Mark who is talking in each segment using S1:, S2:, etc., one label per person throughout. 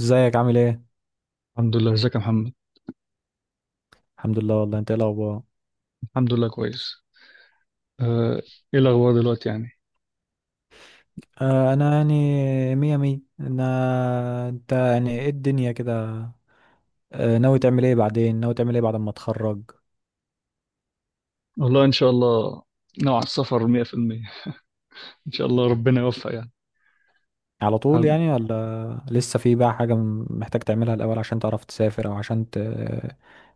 S1: ازيك؟ عامل ايه؟
S2: الحمد لله، ازيك يا محمد.
S1: الحمد لله، والله. انت ايه الاخبار؟
S2: الحمد لله كويس. آه، ايه الاخبار دلوقتي يعني؟
S1: انا يعني مية مية. انا انت يعني ايه الدنيا كده؟ ناوي تعمل ايه بعد ما تخرج؟
S2: والله ان شاء الله. نوع السفر 100%. ان شاء الله ربنا يوفق يعني.
S1: على طول
S2: حب-
S1: يعني؟ ولا لسه في بقى حاجة محتاج تعملها الاول عشان تعرف تسافر، او عشان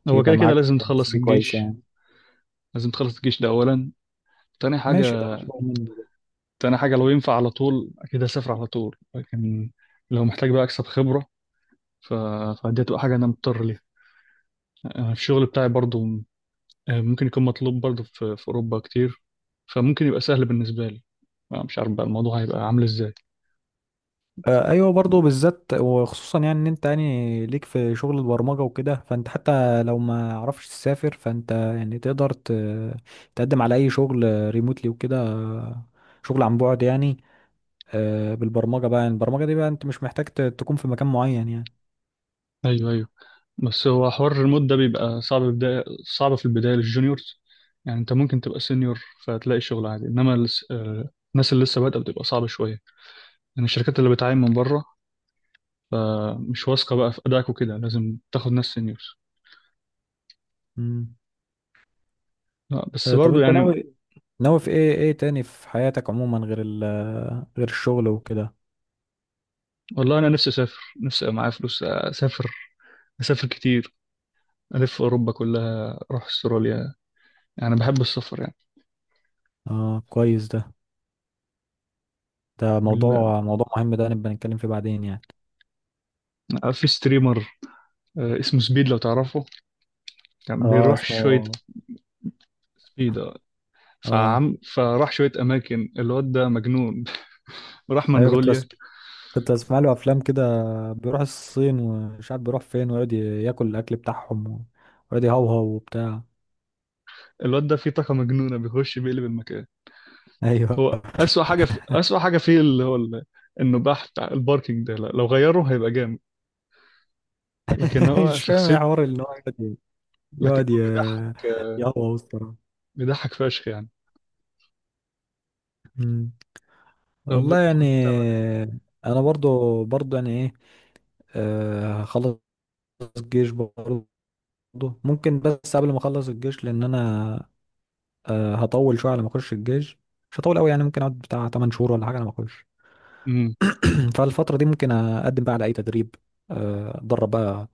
S2: هو
S1: يبقى
S2: كده كده
S1: معاك
S2: لازم
S1: سي
S2: تخلص
S1: في كويس
S2: الجيش.
S1: يعني؟
S2: لازم تخلص الجيش ده اولا. تاني حاجه
S1: ماشي، ده مطلوب مني.
S2: تاني حاجه لو ينفع على طول اكيد هسافر على طول، لكن لو محتاج بقى اكسب خبره. ف... فدي هتبقى حاجه انا مضطر ليها. انا في الشغل بتاعي برضو. ممكن يكون مطلوب برضه في أوروبا كتير. فممكن يبقى سهل بالنسبة لي. مش عارف بقى الموضوع هيبقى عامل إزاي.
S1: ايوه، برضو بالذات وخصوصا، يعني ان انت يعني ليك في شغل البرمجه وكده، فانت حتى لو ما عرفش تسافر فانت يعني تقدر تقدم على اي شغل ريموتلي وكده. شغل عن بعد يعني. بالبرمجه بقى، يعني البرمجه دي بقى انت مش محتاج تكون في مكان معين يعني.
S2: أيوه، أيوه. بس هو حوار الريموت ده بيبقى صعب بداية. صعب في البداية للجونيورز. يعني أنت ممكن تبقى سينيور فتلاقي شغل عادي، إنما الناس اللي لسه بادئة بتبقى صعبة شوية. يعني الشركات اللي بتعين من بره فمش واثقة بقى في أدائك وكده، لازم تاخد ناس سينيورز.
S1: مم.
S2: لا بس
S1: طب
S2: برضه
S1: انت
S2: يعني.
S1: ناوي؟ في ايه ايه تاني في حياتك عموما، غير غير الشغل وكده؟
S2: والله أنا نفسي أسافر، نفسي أبقى معايا فلوس أسافر. أسافر كتير، ألف أوروبا كلها، أروح أستراليا. يعني بحب السفر.
S1: اه كويس ده، ده
S2: ال-
S1: موضوع، مهم، ده نبقى نتكلم فيه بعدين يعني.
S2: أنا في ستريمر اسمه سبيد، لو تعرفه. كان
S1: اه
S2: بيروح شوية.
S1: اسمه.
S2: سبيد، آه.
S1: اه
S2: فعم فراح شوية أماكن. الواد ده مجنون. راح
S1: ايوه،
S2: منغوليا.
S1: كنت اسمع له افلام كده، بيروح الصين ومش عارف بيروح فين، ويقعد ياكل الاكل بتاعهم ويقعد يهوهو وبتاع.
S2: الواد ده فيه طاقة مجنونة، بيخش بيقلب المكان.
S1: ايوه.
S2: هو أسوأ حاجة فيه اللي هو النباح بتاع الباركينج ده، لا، لو غيره هيبقى جامد. لكن هو
S1: مش فاهم
S2: شخصية.
S1: ايه حوار ان هو يقعد
S2: لكن
S1: يقعد
S2: هو
S1: يهوهو الصراحه.
S2: بيضحك فشخ يعني.
S1: أمم.
S2: طب
S1: والله يعني.
S2: انت بتعمل ايه؟
S1: انا برضو يعني ايه، هخلص الجيش برضو. ممكن بس قبل ما اخلص الجيش، لان انا هطول شويه على ما اخش الجيش. مش هطول قوي يعني، ممكن اقعد بتاع 8 شهور ولا حاجه على ما اخش.
S2: امم.
S1: فالفترة دي ممكن أقدم بقى على أي تدريب، أتدرب بقى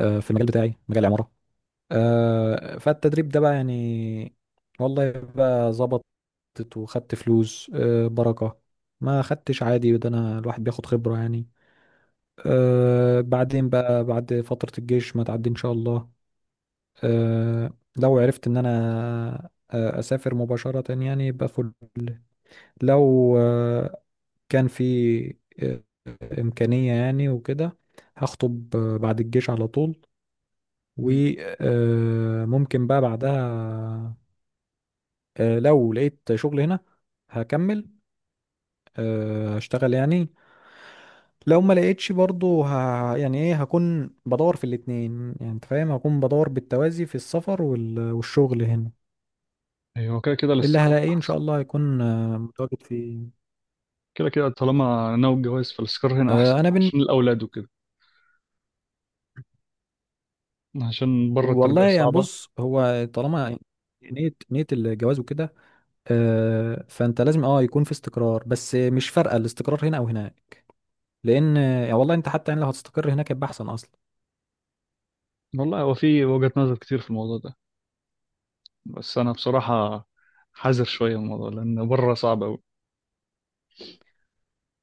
S1: في المجال بتاعي، مجال العمارة. فالتدريب ده بقى يعني والله بقى ظبطت وخدت فلوس، بركة. ما خدتش عادي، ده أنا الواحد بياخد خبرة يعني. بعدين بقى بعد فترة الجيش ما تعدي إن شاء الله، آه، لو عرفت إن أنا أسافر مباشرة يعني يبقى فل. لو كان في آه، إمكانية يعني وكده، هخطب بعد الجيش على طول.
S2: أمم.
S1: وممكن بقى بعدها لو لقيت شغل هنا هكمل هشتغل يعني. لو ما لقيتش برضو يعني ايه، هكون بدور في الاتنين، يعني انت فاهم، هكون بدور بالتوازي في السفر والشغل هنا.
S2: ايوه، كده كده
S1: اللي
S2: الاستقرار
S1: هلاقيه ان
S2: احسن.
S1: شاء الله هيكون متواجد فيه.
S2: كده كده طالما ناوي الجواز فالاستقرار هنا احسن
S1: آه، انا بن...
S2: عشان الاولاد وكده. عشان بره
S1: والله
S2: التربية
S1: يعني،
S2: صعبة.
S1: بص، هو طالما نية، الجواز وكده، فانت لازم اه يكون في استقرار، بس مش فارقه الاستقرار هنا او هناك، لان يعني والله انت حتى يعني لو هتستقر هناك يبقى احسن اصلا.
S2: والله هو في وجهة نظر كتير في الموضوع ده، بس أنا بصراحة حذر شوية من الموضوع لأن بره صعب أوي.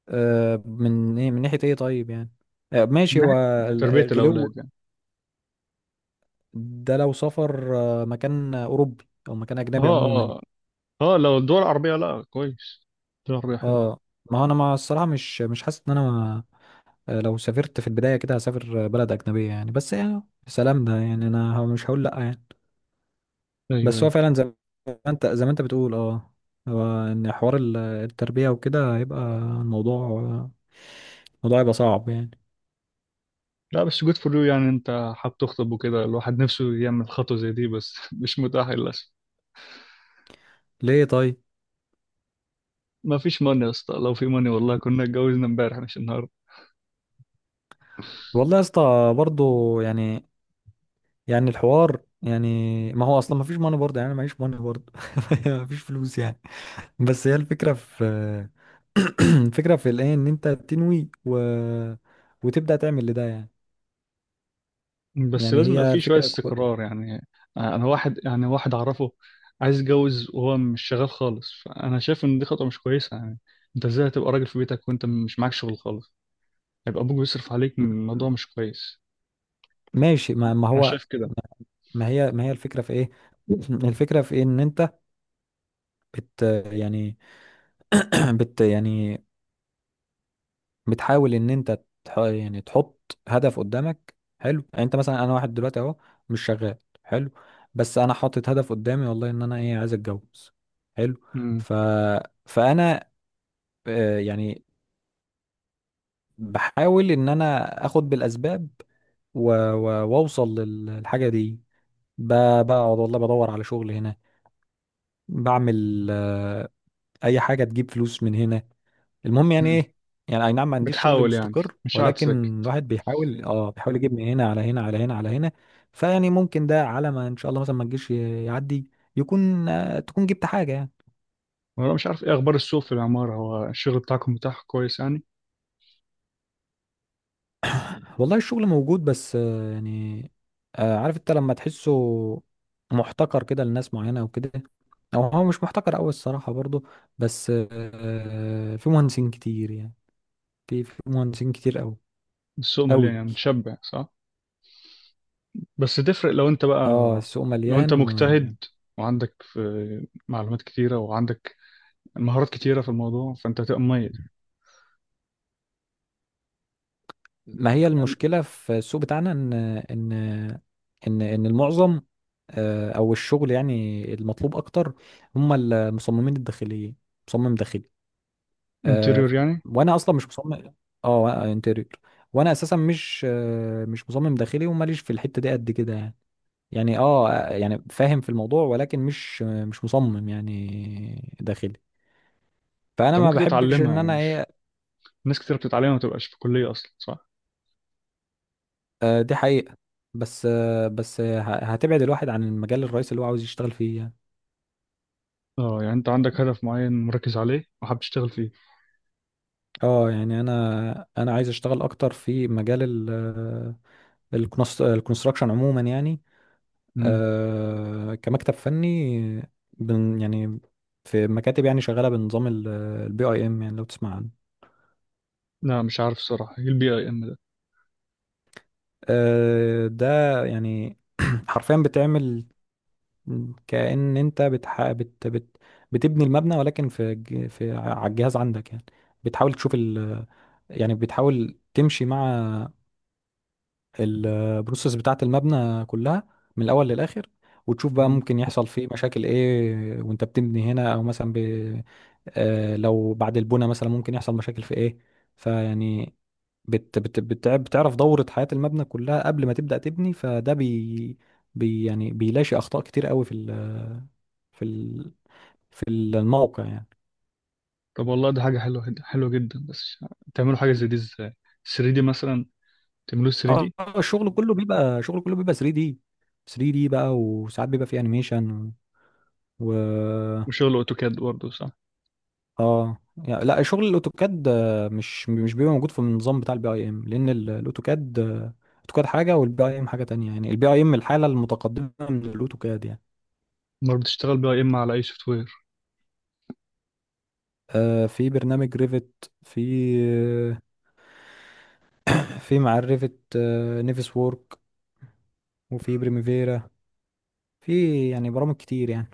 S1: من ايه، من ناحيه ايه طيب يعني؟
S2: من
S1: ماشي. هو
S2: ناحية تربية
S1: الغلو
S2: الأولاد يعني.
S1: ده، لو سافر مكان اوروبي او مكان اجنبي
S2: اه.
S1: عموما يعني.
S2: اه. اه، لو الدول العربية لا كويس. الدول العربية حلو.
S1: اه، ما هو انا ما الصراحه مش مش حاسس ان انا لو سافرت في البدايه كده هسافر بلد اجنبيه يعني، بس يعني سلام، ده يعني انا مش هقول لا يعني.
S2: أيوه،
S1: بس هو
S2: أيوه.
S1: فعلا زي ما انت، زي ما انت بتقول اه، هو ان حوار التربية وكده هيبقى الموضوع، الموضوع هيبقى صعب يعني.
S2: لا بس جود فور يو، يعني أنت حابب تخطب وكده، الواحد نفسه يعمل خطوة زي دي، بس مش متاح للأسف.
S1: ليه طيب؟
S2: ما فيش ماني يا اسطى، لو في ماني والله كنا اتجوزنا امبارح مش النهاردة.
S1: والله يا اسطى برضه. يعني، يعني الحوار يعني، ما هو اصلا ما فيش ماني برضه يعني، انا معيش ماني برضه. ما فيش فلوس يعني. بس هي الفكرة في، الفكرة في الايه ان انت تنوي وتبدأ تعمل لده يعني.
S2: بس
S1: يعني
S2: لازم يبقى
S1: هي
S2: في شوية
S1: الفكرة
S2: استقرار يعني. أنا واحد، يعني واحد أعرفه عايز يتجوز وهو مش شغال خالص، فأنا شايف إن دي خطوة مش كويسة يعني. أنت إزاي هتبقى راجل في بيتك وأنت مش معاك شغل خالص؟ هيبقى أبوك بيصرف عليك، الموضوع مش كويس.
S1: ماشي. ما
S2: أنا
S1: هو،
S2: شايف كده.
S1: ما هي الفكرة في ايه؟ الفكرة في ايه ان انت بت يعني، بت يعني بتحاول ان انت تح، يعني تحط هدف قدامك. حلو. يعني انت مثلا، انا واحد دلوقتي اهو مش شغال، حلو، بس انا حاطط هدف قدامي والله، ان انا ايه عايز اتجوز. حلو.
S2: امم.
S1: ف فانا يعني بحاول ان انا اخد بالاسباب واوصل للحاجه دي. بقعد والله بدور على شغل هنا، بعمل اي حاجه تجيب فلوس من هنا، المهم يعني
S2: امم.
S1: ايه، يعني اي نعم ما عنديش شغل
S2: بتحاول يعني،
S1: مستقر،
S2: مش قاعد ساكت.
S1: ولكن الواحد بيحاول اه بيحاول يجيب من هنا على هنا على هنا على هنا. فيعني ممكن ده على ما ان شاء الله مثلا ما تجيش يعدي، يكون آه تكون جبت حاجة يعني.
S2: وأنا مش عارف إيه أخبار السوق في العمارة؟ هو الشغل بتاعكم متاح كويس يعني؟
S1: والله الشغل موجود، بس آه يعني، آه عارف انت لما تحسه محتكر كده لناس معينة او كده، او هو مش محتكر قوي الصراحة برضه، بس آه في مهندسين كتير يعني. في مهندسين كتير قوي
S2: السوق مليان
S1: قوي.
S2: يعني، متشبع صح؟ بس تفرق لو أنت بقى،
S1: اه السوق
S2: لو أنت مجتهد
S1: مليان.
S2: وعندك في معلومات كتيرة وعندك المهارات كتيرة في الموضوع، فأنت هتبقى مميز.
S1: ما هي
S2: يعني
S1: المشكلة في السوق بتاعنا، إن إن المعظم أو الشغل يعني المطلوب أكتر هم المصممين الداخليين، مصمم داخلي، آه،
S2: انتيريور يعني.
S1: وأنا أصلا مش مصمم. أه، انتيريور. وأنا أساسا مش مش مصمم داخلي، وماليش في الحتة دي قد كده يعني. يعني أه يعني فاهم في الموضوع ولكن مش مش مصمم يعني داخلي. فأنا
S2: أنت
S1: ما
S2: ممكن
S1: بحبش
S2: تتعلمها
S1: إن
S2: يعني،
S1: أنا
S2: مش
S1: إيه.
S2: ناس كتيرة بتتعلمها ما تبقاش في كلية أصلا، صح؟
S1: دي حقيقة. بس آه، بس هتبعد الواحد عن المجال الرئيسي اللي هو عاوز يشتغل فيه يعني.
S2: اه، يعني أنت عندك هدف معين مركز عليه وحابب تشتغل فيه.
S1: اه يعني انا عايز اشتغل اكتر في مجال ال الكونستراكشن عموما يعني،
S2: مم.
S1: كمكتب فني، يعني في مكاتب يعني شغالة بنظام البي اي ام، يعني لو تسمع عنه.
S2: لا مش عارف الصراحة إيه البي أي إم ده.
S1: ده يعني حرفيا بتعمل كأن انت بتبني المبنى، ولكن في ج- في ع- على الجهاز عندك يعني. بتحاول تشوف، يعني بتحاول تمشي مع البروسيس بتاعة المبنى كلها من الأول للآخر، وتشوف بقى
S2: مم.
S1: ممكن يحصل فيه مشاكل إيه وأنت بتبني هنا، أو مثلا لو بعد البناء مثلا ممكن يحصل مشاكل في إيه. فيعني بتعرف دورة حياة المبنى كلها قبل ما تبدأ تبني، فده يعني بيلاشي أخطاء كتير قوي في ال... في الموقع يعني.
S2: طب والله ده حاجة حلوة حلوة جدا. بس تعملوا حاجة زي دي إزاي؟ 3 دي مثلا. تعملوه 3
S1: اه
S2: دي
S1: الشغل كله بيبقى، شغل كله بيبقى 3D. 3D بقى، وساعات بيبقى فيه انيميشن و
S2: وشغل أوتوكاد برضه، صح؟
S1: اه يعني. لا شغل الاوتوكاد مش مش بيبقى موجود في النظام بتاع البي اي ام، لان الاوتوكاد الاوتوكاد حاجه والبي اي ام حاجه تانية، يعني البي اي ام الحاله المتقدمه من الاوتوكاد يعني.
S2: أمال بتشتغل بي أي إم على أي سوفت وير؟
S1: في برنامج ريفت، في في مع الريفت آه نيفس وورك، وفي بريميفيرا. في يعني برامج كتير يعني.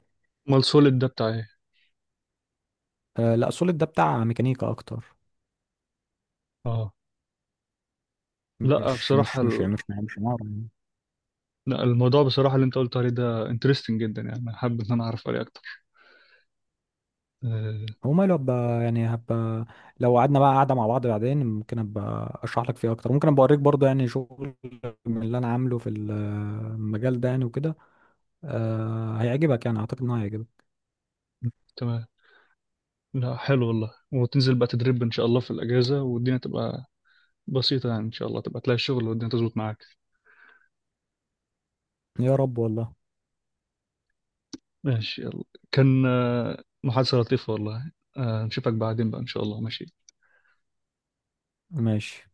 S2: أمال سوليد ده بتاع إيه؟
S1: لا سوليد ده بتاع ميكانيكا اكتر،
S2: اه. لا بصراحة
S1: مش عمارة يعني.
S2: لا، الموضوع بصراحة اللي أنت قلت عليه ده انترستنج جدا يعني، انا حابب إن أنا أعرف عليه أكتر. آه،
S1: وماله، هبقى يعني، لو قعدنا بقى قعدة مع بعض بعدين، ممكن ابقى اشرح لك فيه اكتر، ممكن ابقى اوريك برضه يعني شغل من اللي انا عامله في المجال ده يعني وكده. أه هيعجبك، يعني اعتقد انه هيعجبك.
S2: تمام. لا حلو والله. وتنزل بقى تدريب ان شاء الله في الاجازه، والدنيا تبقى بسيطه يعني، ان شاء الله تبقى تلاقي الشغل والدنيا تظبط معاك.
S1: يا رب والله.
S2: ماشي يلا. كان محادثه لطيفه والله، نشوفك بعدين بقى ان شاء الله. ماشي.
S1: ماشي.